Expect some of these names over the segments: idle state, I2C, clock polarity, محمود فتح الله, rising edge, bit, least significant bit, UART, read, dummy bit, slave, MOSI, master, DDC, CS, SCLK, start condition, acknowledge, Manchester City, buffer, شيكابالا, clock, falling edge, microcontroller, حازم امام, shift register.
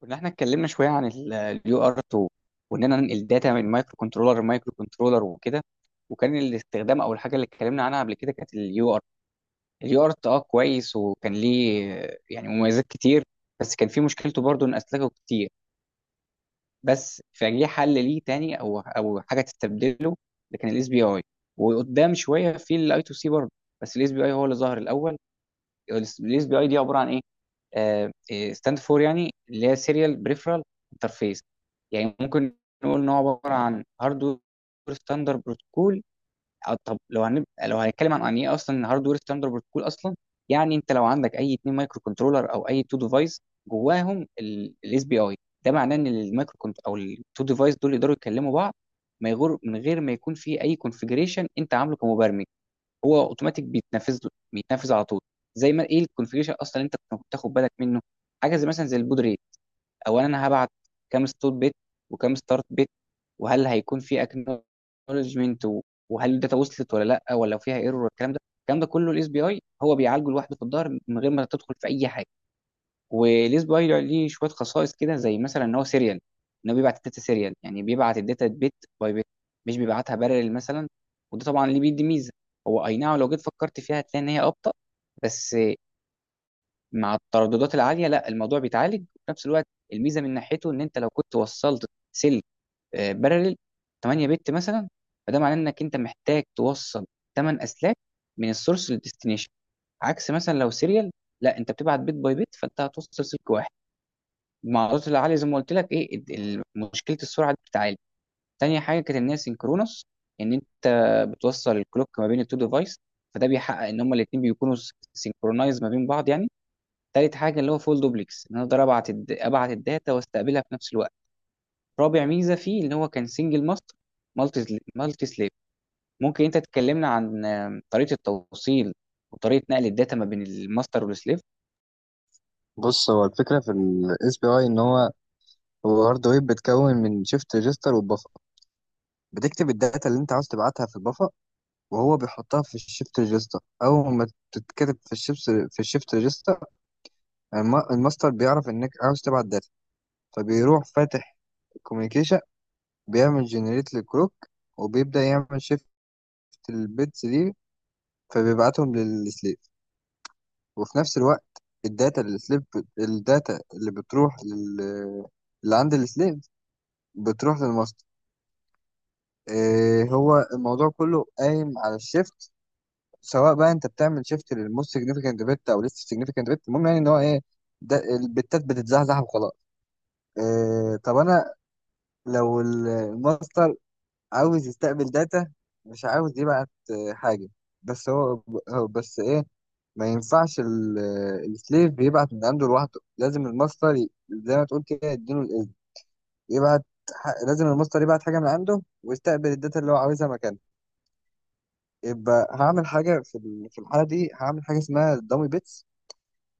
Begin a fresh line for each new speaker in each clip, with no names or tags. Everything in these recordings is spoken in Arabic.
كنا احنا اتكلمنا شويه عن اليو ار 2 واننا ننقل داتا من مايكرو كنترولر لمايكرو كنترولر وكده. وكان الاستخدام او الحاجه اللي اتكلمنا عنها قبل كده كانت اليو ار، كويس، وكان ليه يعني مميزات كتير. بس كان في مشكلته برضو ان اسلاكه كتير، بس فجه حل ليه تاني او حاجه تستبدله، اللي كان الاس بي اي. وقدام شويه في الاي تو سي برضو، بس الاس بي اي هو اللي ظهر الاول. الاس بي اي دي عباره عن ايه؟ ستاند فور يعني اللي هي سيريال بريفرال انترفيس. يعني ممكن نقول ان هو عباره عن هاردوير ستاندر بروتوكول. أو طب لو هنبقى لو هنتكلم عن يعني ايه اصلا هاردوير ستاندر بروتوكول اصلا. يعني انت لو عندك اي اتنين مايكرو كنترولر او اي تو ديفايس، جواهم الاس بي اي، ده معناه ان المايكرو كنت او التو ديفايس دول يقدروا يكلموا بعض، ما يغر من غير ما يكون في اي كونفجريشن انت عامله كمبرمج. هو اوتوماتيك بيتنفذ على طول. زي ما ايه الكونفيجريشن اصلا اللي انت كنت بتاخد بالك منه، حاجه زي مثلا زي البود ريت. اولا انا هبعت كام ستوب بيت وكام ستارت بيت، وهل هيكون في اكنولجمنت، وهل الداتا وصلت ولا لا، ولا فيها ايرور، والكلام ده الكلام ده كله الاس بي اي هو بيعالجه لوحده في الظهر من غير ما تدخل في اي حاجه. وليه بايلر، ليه شويه خصائص كده، زي مثلا ان هو سيريال، ان هو بيبعت الداتا سيريال، يعني بيبعت الداتا بيت باي بيت، مش بيبعتها بارل مثلا. وده طبعا اللي بيدي ميزه. هو اي نعم لو جيت فكرت فيها هتلاقي ان هي ابطا، بس مع الترددات العاليه لا، الموضوع بيتعالج. وفي نفس الوقت، الميزه من ناحيته ان انت لو كنت وصلت سلك بارل 8 بت مثلا، فده معناه انك انت محتاج توصل 8 اسلاك من السورس للديستنيشن. عكس مثلا لو سيريال، لا، انت بتبعت بيت باي بيت فانت هتوصل سلك واحد، مع عرضة العالية زي ما قلت لك. ايه مشكلة السرعة دي بتتعالج. تاني حاجة كانت ان هي سينكرونس، ان انت بتوصل الكلوك ما بين التو ديفايس، فده بيحقق ان هما الاتنين بيكونوا سينكرونايز ما بين بعض يعني. تالت حاجة اللي هو فول دوبلكس، ان انا اقدر ابعت الداتا واستقبلها في نفس الوقت. رابع ميزة فيه ان هو كان سنجل ماستر مالتي سليف. ممكن انت تكلمنا عن طريقة التوصيل وطريقة نقل الداتا ما بين الماستر والسليف.
بص، هو الفكرة في ال SPI إن هو هارد ويب، بتكون من شيفت ريجستر والبفر. بتكتب الداتا اللي أنت عاوز تبعتها في البفر، وهو بيحطها في الشيفت ريجستر. أول ما تتكتب في الشيفت ريجستر، الماستر بيعرف إنك عاوز تبعت داتا، فبيروح فاتح الكوميونيكيشن، بيعمل جنريت للكروك، وبيبدأ يعمل شيفت البيتس دي، فبيبعتهم للسليف. وفي نفس الوقت الداتا اللي السليف الداتا اللي بتروح لل اللي عند السليف بتروح للماستر. إيه، هو الموضوع كله قايم على الشيفت، سواء بقى انت بتعمل شيفت للموست سيجنيفيكانت بت او لسه سيجنيفيكانت بت، المهم يعني ان هو ايه؟ ده البتات بتتزحزح وخلاص. إيه، طب انا لو الماستر عاوز يستقبل داتا، مش عاوز يبعت حاجه، بس هو بس ايه؟ ما ينفعش السليف بيبعت من عنده لوحده، لازم الماستر زي ما تقول كده يديله الاذن يبعت. لازم الماستر يبعت حاجه من عنده ويستقبل الداتا اللي هو عاوزها مكانه. يبقى هعمل حاجة في الحالة دي هعمل حاجة اسمها دامي بيتس.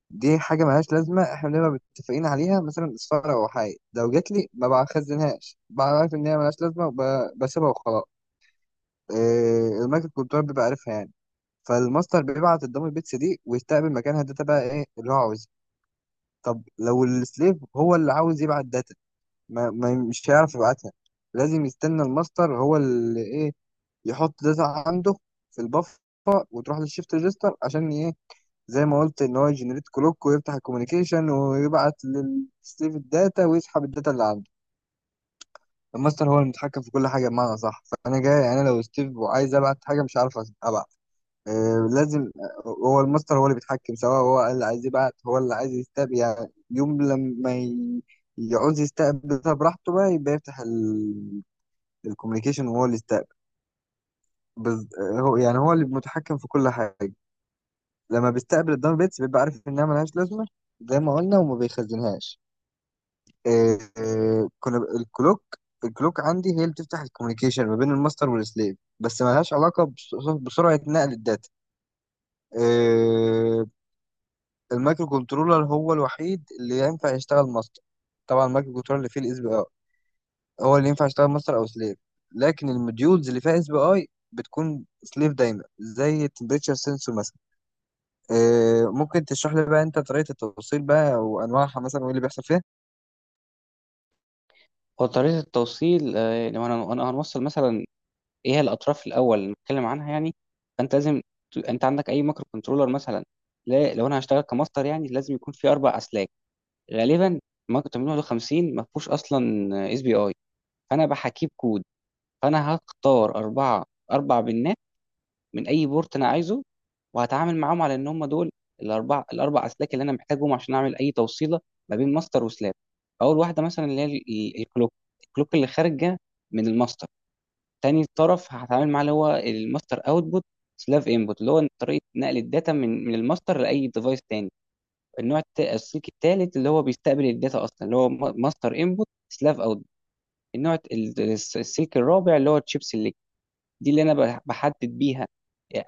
دي حاجة ملهاش لازمة، احنا بنبقى متفقين عليها، مثلا اصفارة أو حاجة، لو جات لي ما بخزنهاش، ببقى عارف إن هي ملهاش لازمة وبسيبها وخلاص. إيه، المايكرو كنترول بيبقى عارفها يعني. فالماستر بيبعت الدامي بيتس دي ويستقبل مكانها الداتا بقى إيه اللي هو عاوزها. طب لو السليف هو اللي عاوز يبعت داتا، مش هيعرف يبعتها، لازم يستنى الماستر هو اللي إيه؟ يحط داتا عنده في البفر وتروح للشيفت ريجستر عشان إيه؟ زي ما قلت ان هو يجنريت كلوك ويفتح الكوميونيكيشن ويبعت لستيف الداتا ويسحب الداتا اللي عنده. الماستر هو المتحكم في كل حاجه، بمعنى صح؟ فانا جاي انا لو ستيف وعايز ابعت حاجه مش عارف ابعت. آه لازم، هو الماستر هو اللي بيتحكم، سواء هو اللي عايز يبعت هو اللي عايز يستقبل. يعني يوم لما يعوز يستقبل، ده براحته بقى يبقى يفتح الكوميونيكيشن وهو اللي يستقبل. بز... آه، هو يعني هو اللي متحكم في كل حاجه. لما بيستقبل الداون بيتس بيبقى عارف انها ملهاش لازمه زي ما قلنا، وما بيخزنهاش. الكلوك، الكلوك عندي هي اللي بتفتح الكوميونيكيشن ما بين الماستر والسليف، بس ما لهاش علاقه بسرعه نقل الداتا. آه، المايكرو كنترولر هو الوحيد اللي ينفع يشتغل ماستر. طبعا المايكرو كنترولر اللي فيه الاس بي اي هو اللي ينفع يشتغل ماستر او سليف، لكن الموديولز اللي فيها اس بي اي بتكون سليف دايما، زي التمبريتشر سensor مثلا. آه، ممكن تشرح لي بقى انت طريقه التوصيل بقى وانواعها مثلا وايه اللي بيحصل فيها؟
هو طريقة التوصيل، لو انا أنا هنوصل مثلا، ايه هي الاطراف الاول اللي نتكلم عنها يعني. فانت انت عندك اي مايكرو كنترولر مثلا. لا، لو انا هشتغل كماستر يعني لازم يكون في اربع اسلاك. غالبا مايكرو 851 ما فيهوش اصلا اس بي اي، فانا بحكيه بكود. فانا هختار اربعه، اربع بنات من اي بورت انا عايزه، وهتعامل معاهم على ان هم دول الاربع، اسلاك اللي انا محتاجهم عشان اعمل اي توصيله ما بين ماستر وسلاب. اول واحده مثلا اللي هي الكلوك، اللي خارجه من الماستر. تاني طرف هتعامل معاه اللي هو الماستر اوتبوت سلاف انبوت، اللي هو طريقه نقل الداتا من الماستر لاي ديفايس تاني. النوع السلوك الثالث اللي هو بيستقبل الداتا اصلا، اللي هو ماستر انبوت سلاف اوتبوت. النوع السلك الرابع اللي هو الشيب سيلكت، دي اللي انا بحدد بيها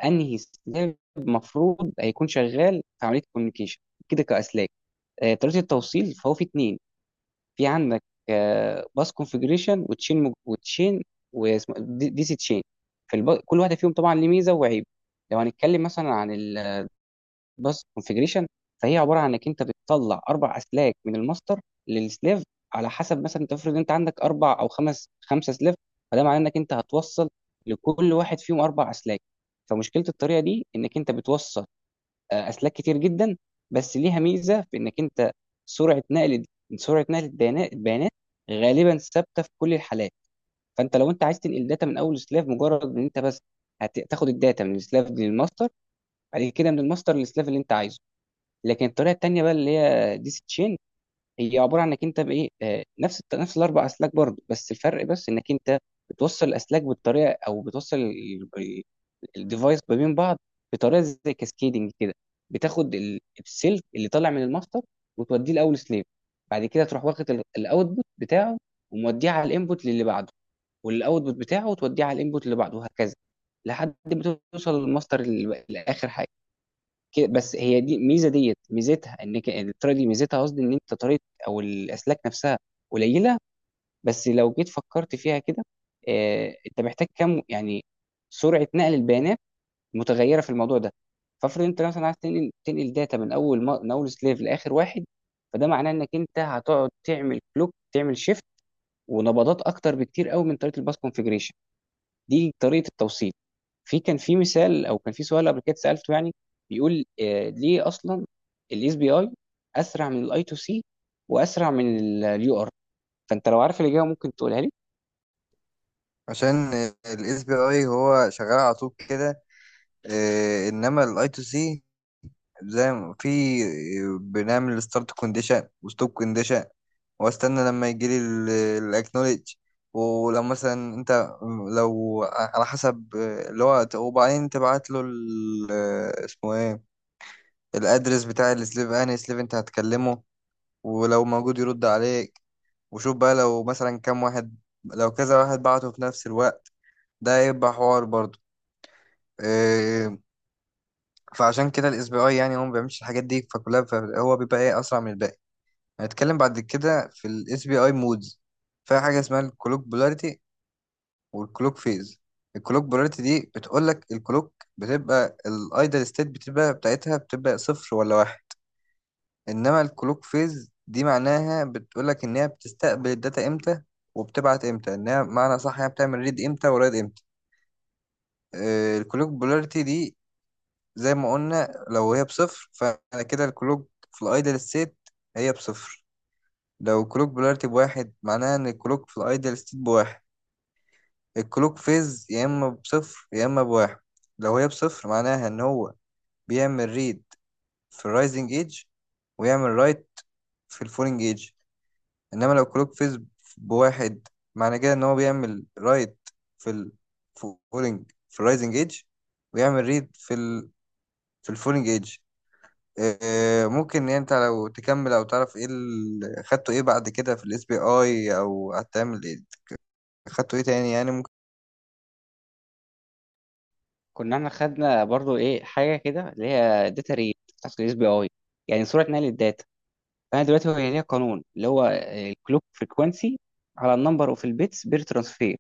انهي سلاف المفروض هيكون شغال في عمليه الكوميونيكيشن، كده كاسلاك. طريقه التوصيل فهو في اثنين. في عندك باس كونفجريشن وتشين، واسمه دي دي سي تشين. في كل واحده فيهم طبعا ليه ميزه وعيب. لو هنتكلم مثلا عن الباس كونفجريشن، فهي عباره عن انك انت بتطلع اربع اسلاك من الماستر للسليف، على حسب مثلا انت افرض انت عندك اربع او خمسه سليف، فده معناه انك انت هتوصل لكل واحد فيهم اربع اسلاك. فمشكله الطريقه دي انك انت بتوصل اسلاك كتير جدا، بس ليها ميزه في انك انت، سرعه نقل سرعه نقل البيانات غالبا ثابته في كل الحالات. فانت لو انت عايز تنقل داتا من اول سلاف، مجرد ان انت بس هتاخد الداتا من السلاف دي للماستر، بعد كده من الماستر للسلاف اللي انت عايزه. لكن الطريقه التانيه بقى اللي هي ديس تشين، هي عباره عن انك انت بايه، نفس الاربع اسلاك برضه، بس الفرق بس انك انت بتوصل الاسلاك بالطريقه، او بتوصل الديفايس ما بين بعض بطريقه زي كاسكيدنج كده. بتاخد السلك اللي طالع من الماستر وتوديه لاول سليف، بعد كده تروح واخد الاوتبوت بتاعه وموديه على الانبوت للي بعده، والاوتبوت بتاعه وتوديه على الانبوت اللي بعده وهكذا، لحد ما توصل للماستر الاخر. كده بس. هي دي ميزه، ديت ميزتها انك الطريقه دي ميزتها قصدي، ان انت طريقه او الاسلاك نفسها قليله. بس لو جيت فكرت فيها كده، آه انت محتاج كم يعني، سرعه نقل البيانات متغيره في الموضوع ده. فافرض انت مثلا عايز تنقل داتا من اول ما من اول سليف لاخر واحد، فده معناه انك انت هتقعد تعمل كلوك، تعمل شيفت ونبضات اكتر بكتير قوي من طريقه الباس كونفيجريشن. دي طريقه التوصيل. في كان في مثال او كان في سؤال قبل كده سالته يعني، بيقول ليه اصلا الاس بي اي اسرع من الاي تو سي، واسرع من اليو ار؟ فانت لو عارف الاجابه ممكن تقولها لي.
عشان الاس بي اي هو شغال على طول كده، انما الاي تو سي زي ما في، بنعمل ستارت كونديشن وستوب كونديشن، واستنى لما يجي لي الاكنولج. ولو مثلا انت، لو على حسب، اللي هو وبعدين تبعت له اسمه ايه، الادرس بتاع السليف انهي سليف انت هتكلمه، ولو موجود يرد عليك. وشوف بقى لو مثلا كام واحد، لو كذا واحد بعته في نفس الوقت، ده هيبقى حوار برضه. آه، فعشان كده الاس بي اي يعني هو ما بيعملش الحاجات دي فكلها، هو بيبقى ايه؟ اسرع من الباقي. هنتكلم بعد كده في الاس بي اي مودز، فيها حاجه اسمها الكلوك بولاريتي والكلوك فيز. الكلوك بولاريتي دي بتقول لك الكلوك بتبقى الايدل ستيت بتبقى بتاعتها بتبقى صفر ولا واحد، انما الكلوك فيز دي معناها بتقول لك ان هي بتستقبل الداتا امتى وبتبعت امتى، انها معنى صح هي بتعمل ريد امتى ورايد امتى. الكلوك بولاريتي دي زي ما قلنا لو هي بصفر، فأنا كده الكلوك في الأيدل ستيت هي بصفر. لو كلوك بولاريتي بواحد معناها إن الكلوك في الأيدل ستيت بواحد. الكلوك فيز يا إما بصفر يا إما بواحد. لو هي بصفر معناها إن هو بيعمل ريد في الرايزنج ايدج، ويعمل رايت في الفولينج ايدج. إنما لو كلوك فيز بواحد، معنى كده إن هو بيعمل رايت في الفولينج في الرايزنج ايدج، ويعمل ريد في الفولينج ايدج. آه، ممكن إن انت لو تكمل او تعرف ايه اللي خدته ايه بعد كده في الاس بي اي او هتعمل ايه؟ خدته ايه تاني يعني؟
كنا احنا خدنا برضو ايه حاجه كده اللي هي داتا ريت بتاعت الاس بي اي، يعني سرعه نقل الداتا. فانا دلوقتي هو ليها قانون اللي هو الكلوك فريكوانسي على النمبر اوف البيتس بير ترانسفير.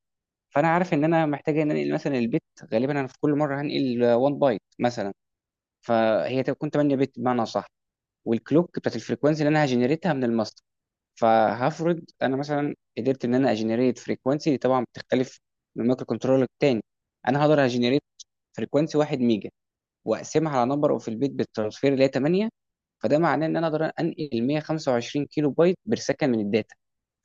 فانا عارف ان انا محتاج ان انقل مثلا البيت، غالبا انا في كل مره هنقل 1 بايت مثلا، فهي تكون 8 بت بمعنى صح. والكلوك بتاعت الفريكونسي اللي انا هجنريتها من الماستر، فهفرض انا مثلا قدرت ان انا اجنريت فريكونسي، دي طبعا بتختلف من مايكرو كنترولر للتاني. انا هقدر اجنريت فريكونسي 1 ميجا، واقسمها على نمبر اوف البيت بالترانسفير اللي هي 8، فده معناه ان انا اقدر انقل 125 كيلو بايت برسكن من الداتا.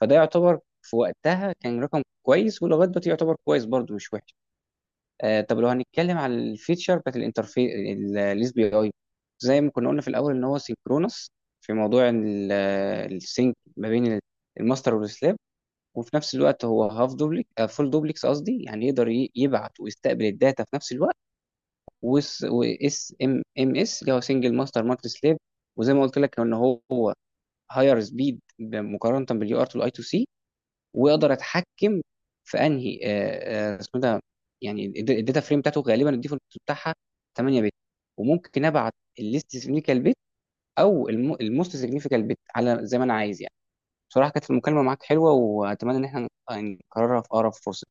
فده يعتبر في وقتها كان رقم كويس، ولغايه دلوقتي يعتبر كويس برضه مش وحش. آه طب لو هنتكلم على الفيتشر بتاعت الانترفيس الاس بي اي، زي ما كنا قلنا في الاول ان هو سينكرونس في موضوع السينك ما بين الماستر والسلاب. وفي نفس الوقت هو هاف دوبليك فول دوبليكس قصدي، يعني يقدر يبعت ويستقبل الداتا في نفس الوقت. واس ام ام اس اللي هو سنجل ماستر مالتي سلاب. وزي ما قلت لك ان هو هاير سبيد مقارنه باليو ار تو الاي تو سي. واقدر اتحكم في انهي اسمه ده، يعني الداتا فريم بتاعته، غالبا الديفولت بتاعها 8 بت، وممكن ابعت الليست سيجنيفيكال بت او الموست سيجنيفيكال بت على زي ما انا عايز يعني. بصراحه كانت المكالمه معاك حلوه، واتمنى ان احنا نكررها في اقرب فرصه.